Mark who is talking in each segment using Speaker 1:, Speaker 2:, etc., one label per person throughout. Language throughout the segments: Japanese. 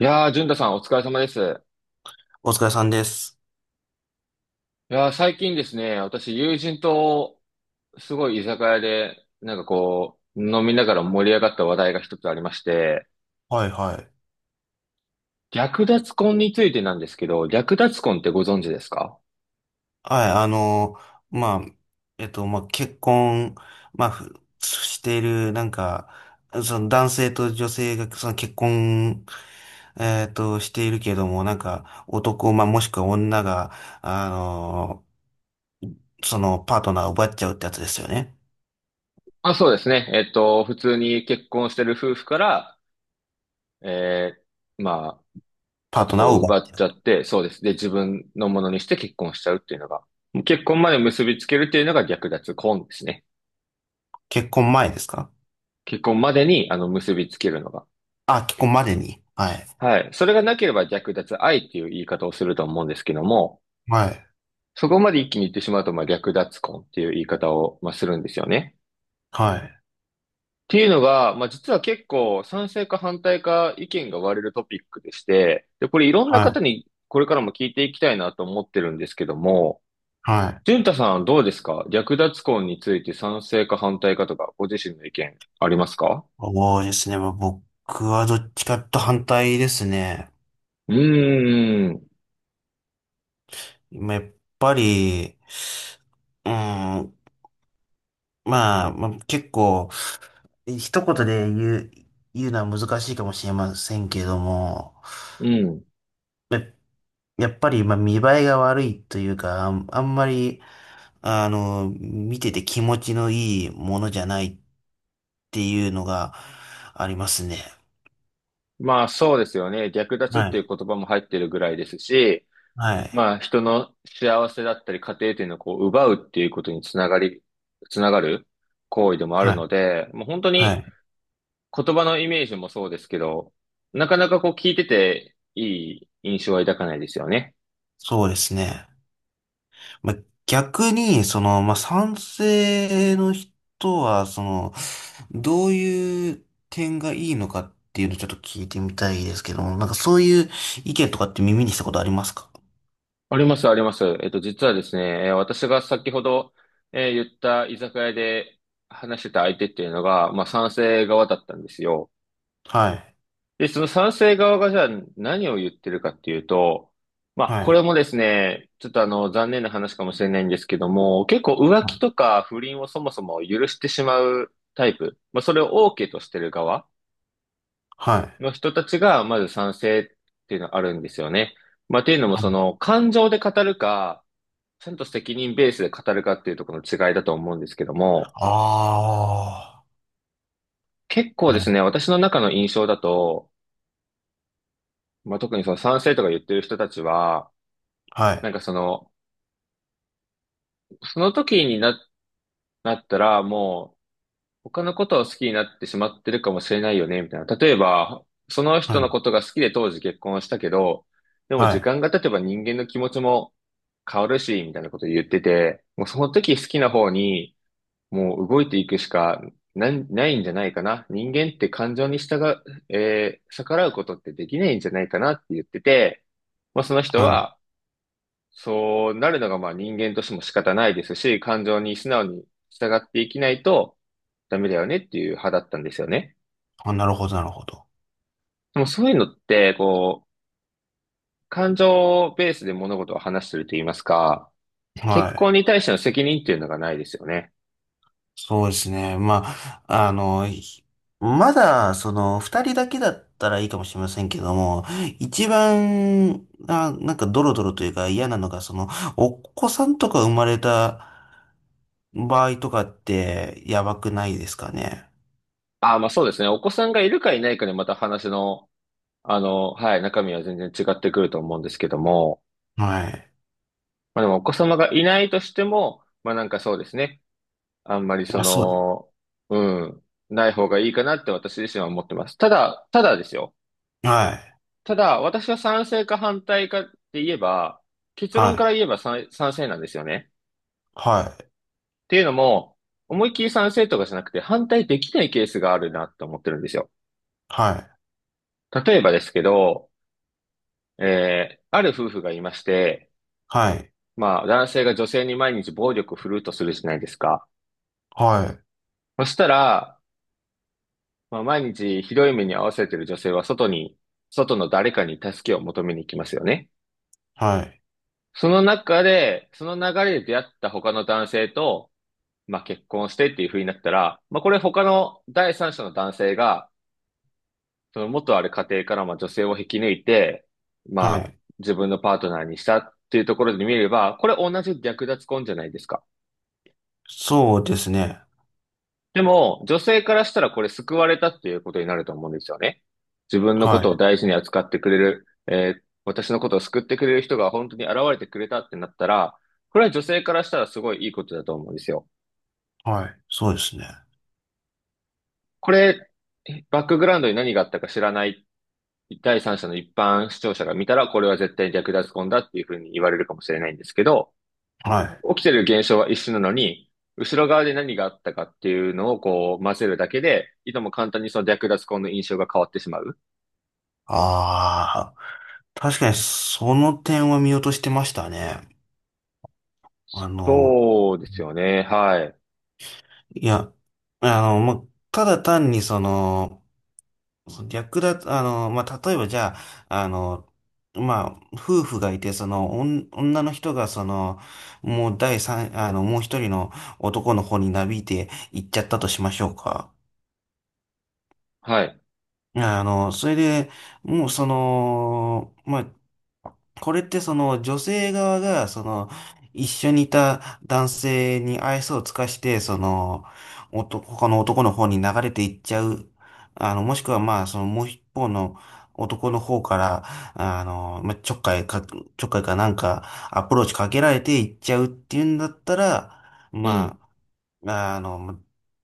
Speaker 1: いやー、淳太さんお疲れ様です。
Speaker 2: お疲れさんです。
Speaker 1: いやー、最近ですね、私友人とすごい居酒屋で、なんかこう、飲みながら盛り上がった話題が一つありまして、
Speaker 2: はいはい。
Speaker 1: 略奪婚についてなんですけど、略奪婚ってご存知ですか？
Speaker 2: はい、あの、まあ、えっと、まあ、結婚、まあ、ふしている、その男性と女性が、その結婚、えっと、しているけども、なんか、男、まあ、もしくは女が、あの、そのパートナーを奪っちゃうってやつですよね。
Speaker 1: あ、そうですね。普通に結婚してる夫婦から、えまあ、
Speaker 2: パー
Speaker 1: 片
Speaker 2: トナー
Speaker 1: 方
Speaker 2: を
Speaker 1: を
Speaker 2: 奪
Speaker 1: 奪
Speaker 2: っち
Speaker 1: っ
Speaker 2: ゃ
Speaker 1: ち
Speaker 2: う
Speaker 1: ゃ
Speaker 2: と。
Speaker 1: って、そうです。で、自分のものにして結婚しちゃうっていうのが、結婚まで結びつけるっていうのが略奪婚ですね。
Speaker 2: 結婚前ですか？
Speaker 1: 結婚までに、結びつけるのが。
Speaker 2: あ、結婚までに。はい。
Speaker 1: はい。それがなければ略奪愛っていう言い方をすると思うんですけども、
Speaker 2: はい。
Speaker 1: そこまで一気に言ってしまうと、まあ、略奪婚っていう言い方を、まあ、するんですよね。
Speaker 2: はい。
Speaker 1: っていうのが、まあ、実は結構賛成か反対か意見が割れるトピックでして、で、これいろんな
Speaker 2: は
Speaker 1: 方
Speaker 2: い。
Speaker 1: にこれからも聞いていきたいなと思ってるんですけども、
Speaker 2: はい。
Speaker 1: 淳太さんどうですか略奪婚について賛成か反対かとか、ご自身の意見ありますか？
Speaker 2: そうですね。まあ、僕はどっちかと反対ですね。
Speaker 1: うーん、
Speaker 2: まあやっぱり、うん、まあ、結構、一言で言うのは難しいかもしれませんけれども、
Speaker 1: うん。
Speaker 2: や、やっぱり、まあ、見栄えが悪いというか、あんまり、見てて気持ちのいいものじゃないっていうのがありますね。
Speaker 1: まあそうですよね。略奪っ
Speaker 2: は
Speaker 1: ていう
Speaker 2: い。
Speaker 1: 言葉も入ってるぐらいですし、
Speaker 2: はい。
Speaker 1: まあ、人の幸せだったり、家庭っていうのをこう、奪うっていうことにつながる行為でもある
Speaker 2: は
Speaker 1: の
Speaker 2: い。
Speaker 1: で、もう本当
Speaker 2: は
Speaker 1: に
Speaker 2: い。
Speaker 1: 言葉のイメージもそうですけど、なかなかこう聞いてていい印象は抱かないですよね。
Speaker 2: そうですね。まあ、逆に、まあ、賛成の人は、どういう点がいいのかっていうのをちょっと聞いてみたいですけども、なんかそういう意見とかって耳にしたことありますか？
Speaker 1: あります、あります。実はですね、私が先ほど、言った居酒屋で話してた相手っていうのが、まあ、賛成側だったんですよ。
Speaker 2: はい。
Speaker 1: で、その賛成側がじゃあ何を言ってるかっていうと、まあ、
Speaker 2: は
Speaker 1: これ
Speaker 2: い。
Speaker 1: もですね、ちょっと残念な話かもしれないんですけども、結構浮
Speaker 2: は
Speaker 1: 気と
Speaker 2: い。
Speaker 1: か不倫をそもそも許してしまうタイプ、まあ、それを OK としてる側
Speaker 2: は
Speaker 1: の人たちが、まず賛成っていうのがあるんですよね。まあ、っていうのも、
Speaker 2: い。
Speaker 1: 感情で語るか、ちゃんと責任ベースで語るかっていうところの違いだと思うんですけども、
Speaker 2: あ
Speaker 1: 結構
Speaker 2: あー。
Speaker 1: ですね、私の中の印象だと、まあ、特にその賛成とか言ってる人たちは、
Speaker 2: は
Speaker 1: なん
Speaker 2: い。
Speaker 1: かその時になったら、もう、他のことを好きになってしまってるかもしれないよね、みたいな。例えば、その人
Speaker 2: は
Speaker 1: の
Speaker 2: い。
Speaker 1: ことが好きで当時結婚したけど、でも
Speaker 2: は
Speaker 1: 時
Speaker 2: い。
Speaker 1: 間が経てば人間の気持ちも変わるし、みたいなこと言ってて、もうその時好きな方に、もう動いていくしかないんじゃないかな。人間って感情に従う、逆らうことってできないんじゃないかなって言ってて、まあ、その人
Speaker 2: はい。
Speaker 1: は、そうなるのがまあ人間としても仕方ないですし、感情に素直に従っていきないとダメだよねっていう派だったんですよね。
Speaker 2: あ、なるほど、なるほど。
Speaker 1: でもそういうのって、こう、感情ベースで物事を話してると言いますか、
Speaker 2: は
Speaker 1: 結
Speaker 2: い。
Speaker 1: 婚に対しての責任っていうのがないですよね。
Speaker 2: そうですね。まあ、まだ、二人だけだったらいいかもしれませんけども、一番、あ、なんかドロドロというか嫌なのが、お子さんとか生まれた場合とかって、やばくないですかね。
Speaker 1: ああ、まあそうですね。お子さんがいるかいないかでまた話の、はい、中身は全然違ってくると思うんですけども、
Speaker 2: はい。
Speaker 1: まあでもお子様がいないとしても、まあなんかそうですね。あんまり
Speaker 2: あ、そう。
Speaker 1: うん、ない方がいいかなって私自身は思ってます。ただ、ただですよ。
Speaker 2: はい。
Speaker 1: ただ、私は賛成か反対かって言えば、結論
Speaker 2: は
Speaker 1: か
Speaker 2: い。
Speaker 1: ら言えば賛成なんですよね。
Speaker 2: はい。
Speaker 1: っていうのも、思いっきり賛成とかじゃなくて反対できないケースがあるなって思ってるんですよ。
Speaker 2: はい。
Speaker 1: 例えばですけど、ある夫婦がいまして、
Speaker 2: はい。
Speaker 1: まあ、男性が女性に毎日暴力を振るうとするじゃないですか。
Speaker 2: はい。
Speaker 1: そしたら、まあ、毎日ひどい目に遭わせている女性は外の誰かに助けを求めに行きますよね。
Speaker 2: はい。
Speaker 1: その中で、その流れで出会った他の男性と、まあ、結婚してっていう風になったら、まあ、これ他の第三者の男性が、その元ある家庭からまあ女性を引き抜いて、ま
Speaker 2: は
Speaker 1: あ、
Speaker 2: い。
Speaker 1: 自分のパートナーにしたっていうところで見れば、これ同じ略奪婚じゃないですか。
Speaker 2: そうですね。
Speaker 1: でも、女性からしたらこれ救われたっていうことになると思うんですよね。自分のこ
Speaker 2: は
Speaker 1: とを
Speaker 2: い。
Speaker 1: 大事に扱ってくれる、私のことを救ってくれる人が本当に現れてくれたってなったら、これは女性からしたらすごいいいことだと思うんですよ。
Speaker 2: はい。そうですね。
Speaker 1: これ、バックグラウンドに何があったか知らない第三者の一般視聴者が見たら、これは絶対に略奪婚だっていうふうに言われるかもしれないんですけど、
Speaker 2: はい。
Speaker 1: 起きてる現象は一緒なのに、後ろ側で何があったかっていうのをこう混ぜるだけで、いとも簡単にその略奪婚の印象が変わってしまう。
Speaker 2: ああ。確かにその点は見落としてましたね。あの、
Speaker 1: そうですよね。はい。
Speaker 2: いや、あの、ま、ただ単にその、その略奪、あの、まあ、例えばじゃあ、まあ、夫婦がいて、その、女の人が、もう一人の男の方になびいて行っちゃったとしましょうか。
Speaker 1: はい。
Speaker 2: いや、それで、もうその、まあ、これってその女性側が、その、一緒にいた男性に愛想を尽かして、その、他の男の方に流れていっちゃう。もしくはまあ、その、もう一方の男の方から、まあ、ちょっかいかなんか、アプローチかけられていっちゃうっていうんだったら、
Speaker 1: う
Speaker 2: ま
Speaker 1: ん。
Speaker 2: あまああの、も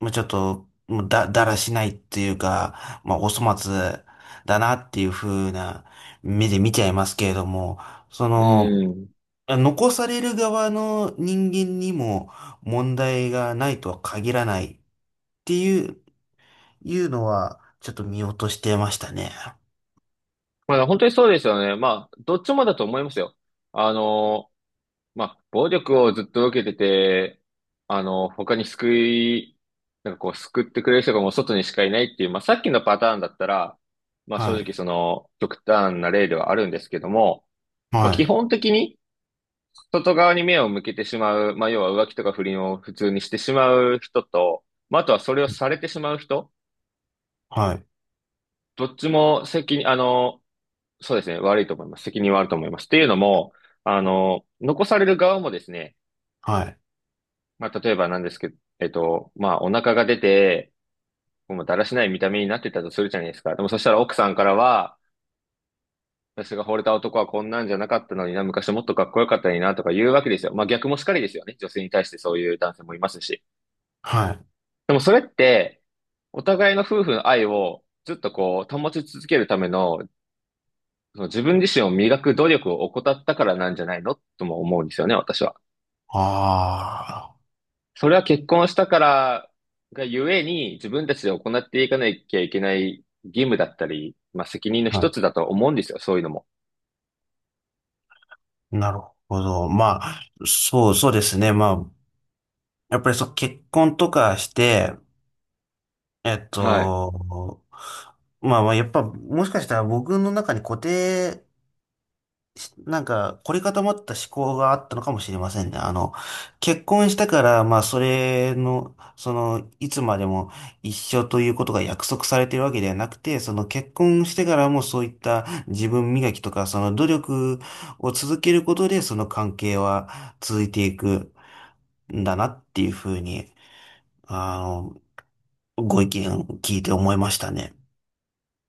Speaker 2: もうちょっと、もうだ、だらしないっていうか、まあ、お粗末だなっていう風な目で見ちゃいますけれども、そ
Speaker 1: う
Speaker 2: の、
Speaker 1: ん。
Speaker 2: 残される側の人間にも問題がないとは限らないっていうのは、ちょっと見落としてましたね。
Speaker 1: まあ、本当にそうですよね。まあ、どっちもだと思いますよ。あの、まあ、暴力をずっと受けてて、他になんかこう、救ってくれる人がもう外にしかいないっていう、まあ、さっきのパターンだったら、まあ、正
Speaker 2: は
Speaker 1: 直
Speaker 2: い。
Speaker 1: 極端な例ではあるんですけども、まあ、
Speaker 2: は
Speaker 1: 基
Speaker 2: い。
Speaker 1: 本的に、外側に目を向けてしまう、まあ、要は浮気とか不倫を普通にしてしまう人と、まあ、あとはそれをされてしまう人、
Speaker 2: はい。
Speaker 1: どっちも責任、そうですね、悪いと思います。責任はあると思います。っていうのも、残される側もですね、
Speaker 2: はい。
Speaker 1: まあ、例えばなんですけど、まあ、お腹が出て、もうだらしない見た目になってたとするじゃないですか。でもそしたら奥さんからは、私が惚れた男はこんなんじゃなかったのにな、昔もっとかっこよかったのにな、とか言うわけですよ。まあ、逆もしかりですよね。女性に対してそういう男性もいますし。
Speaker 2: はい。
Speaker 1: でもそれって、お互いの夫婦の愛をずっとこう、保ち続けるためのその自分自身を磨く努力を怠ったからなんじゃないのとも思うんですよね、私は。
Speaker 2: あ
Speaker 1: それは結婚したからがゆえに自分たちで行っていかなきゃいけない義務だったり、まあ責任の
Speaker 2: あ。は
Speaker 1: 一
Speaker 2: い。
Speaker 1: つだと思うんですよ、そういうのも。
Speaker 2: なるほど。まあ、そうですね。まあ、やっぱりそう、結婚とかして、えっ
Speaker 1: はい。
Speaker 2: と、まあまあ、やっぱ、もしかしたら僕の中に固定し、なんか、凝り固まった思考があったのかもしれませんね。あの、結婚したから、まあ、それの、その、いつまでも一緒ということが約束されてるわけではなくて、その結婚してからもそういった自分磨きとか、その努力を続けることで、その関係は続いていくんだなっていうふうに、あの、ご意見聞いて思いましたね。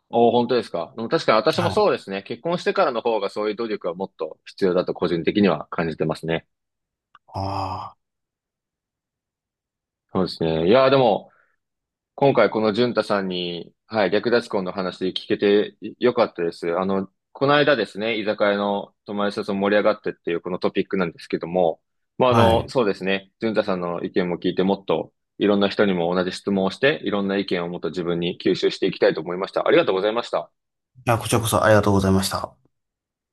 Speaker 1: おー、本当ですか。でも確かに私も
Speaker 2: はい。
Speaker 1: そうですね。結婚してからの方がそういう努力はもっと必要だと個人的には感じてますね。
Speaker 2: あ
Speaker 1: そうですね。いやー、でも、今回この淳太さんに、はい、略奪婚の話聞けてよかったです。この間ですね、居酒屋の友達と盛り上がってっていうこのトピックなんですけども、まあ、
Speaker 2: あ、はい。い
Speaker 1: そうですね、淳太さんの意見も聞いてもっといろんな人にも同じ質問をして、いろんな意見をもっと自分に吸収していきたいと思いました。ありがとうございました。
Speaker 2: や、こちらこそありがとうございました。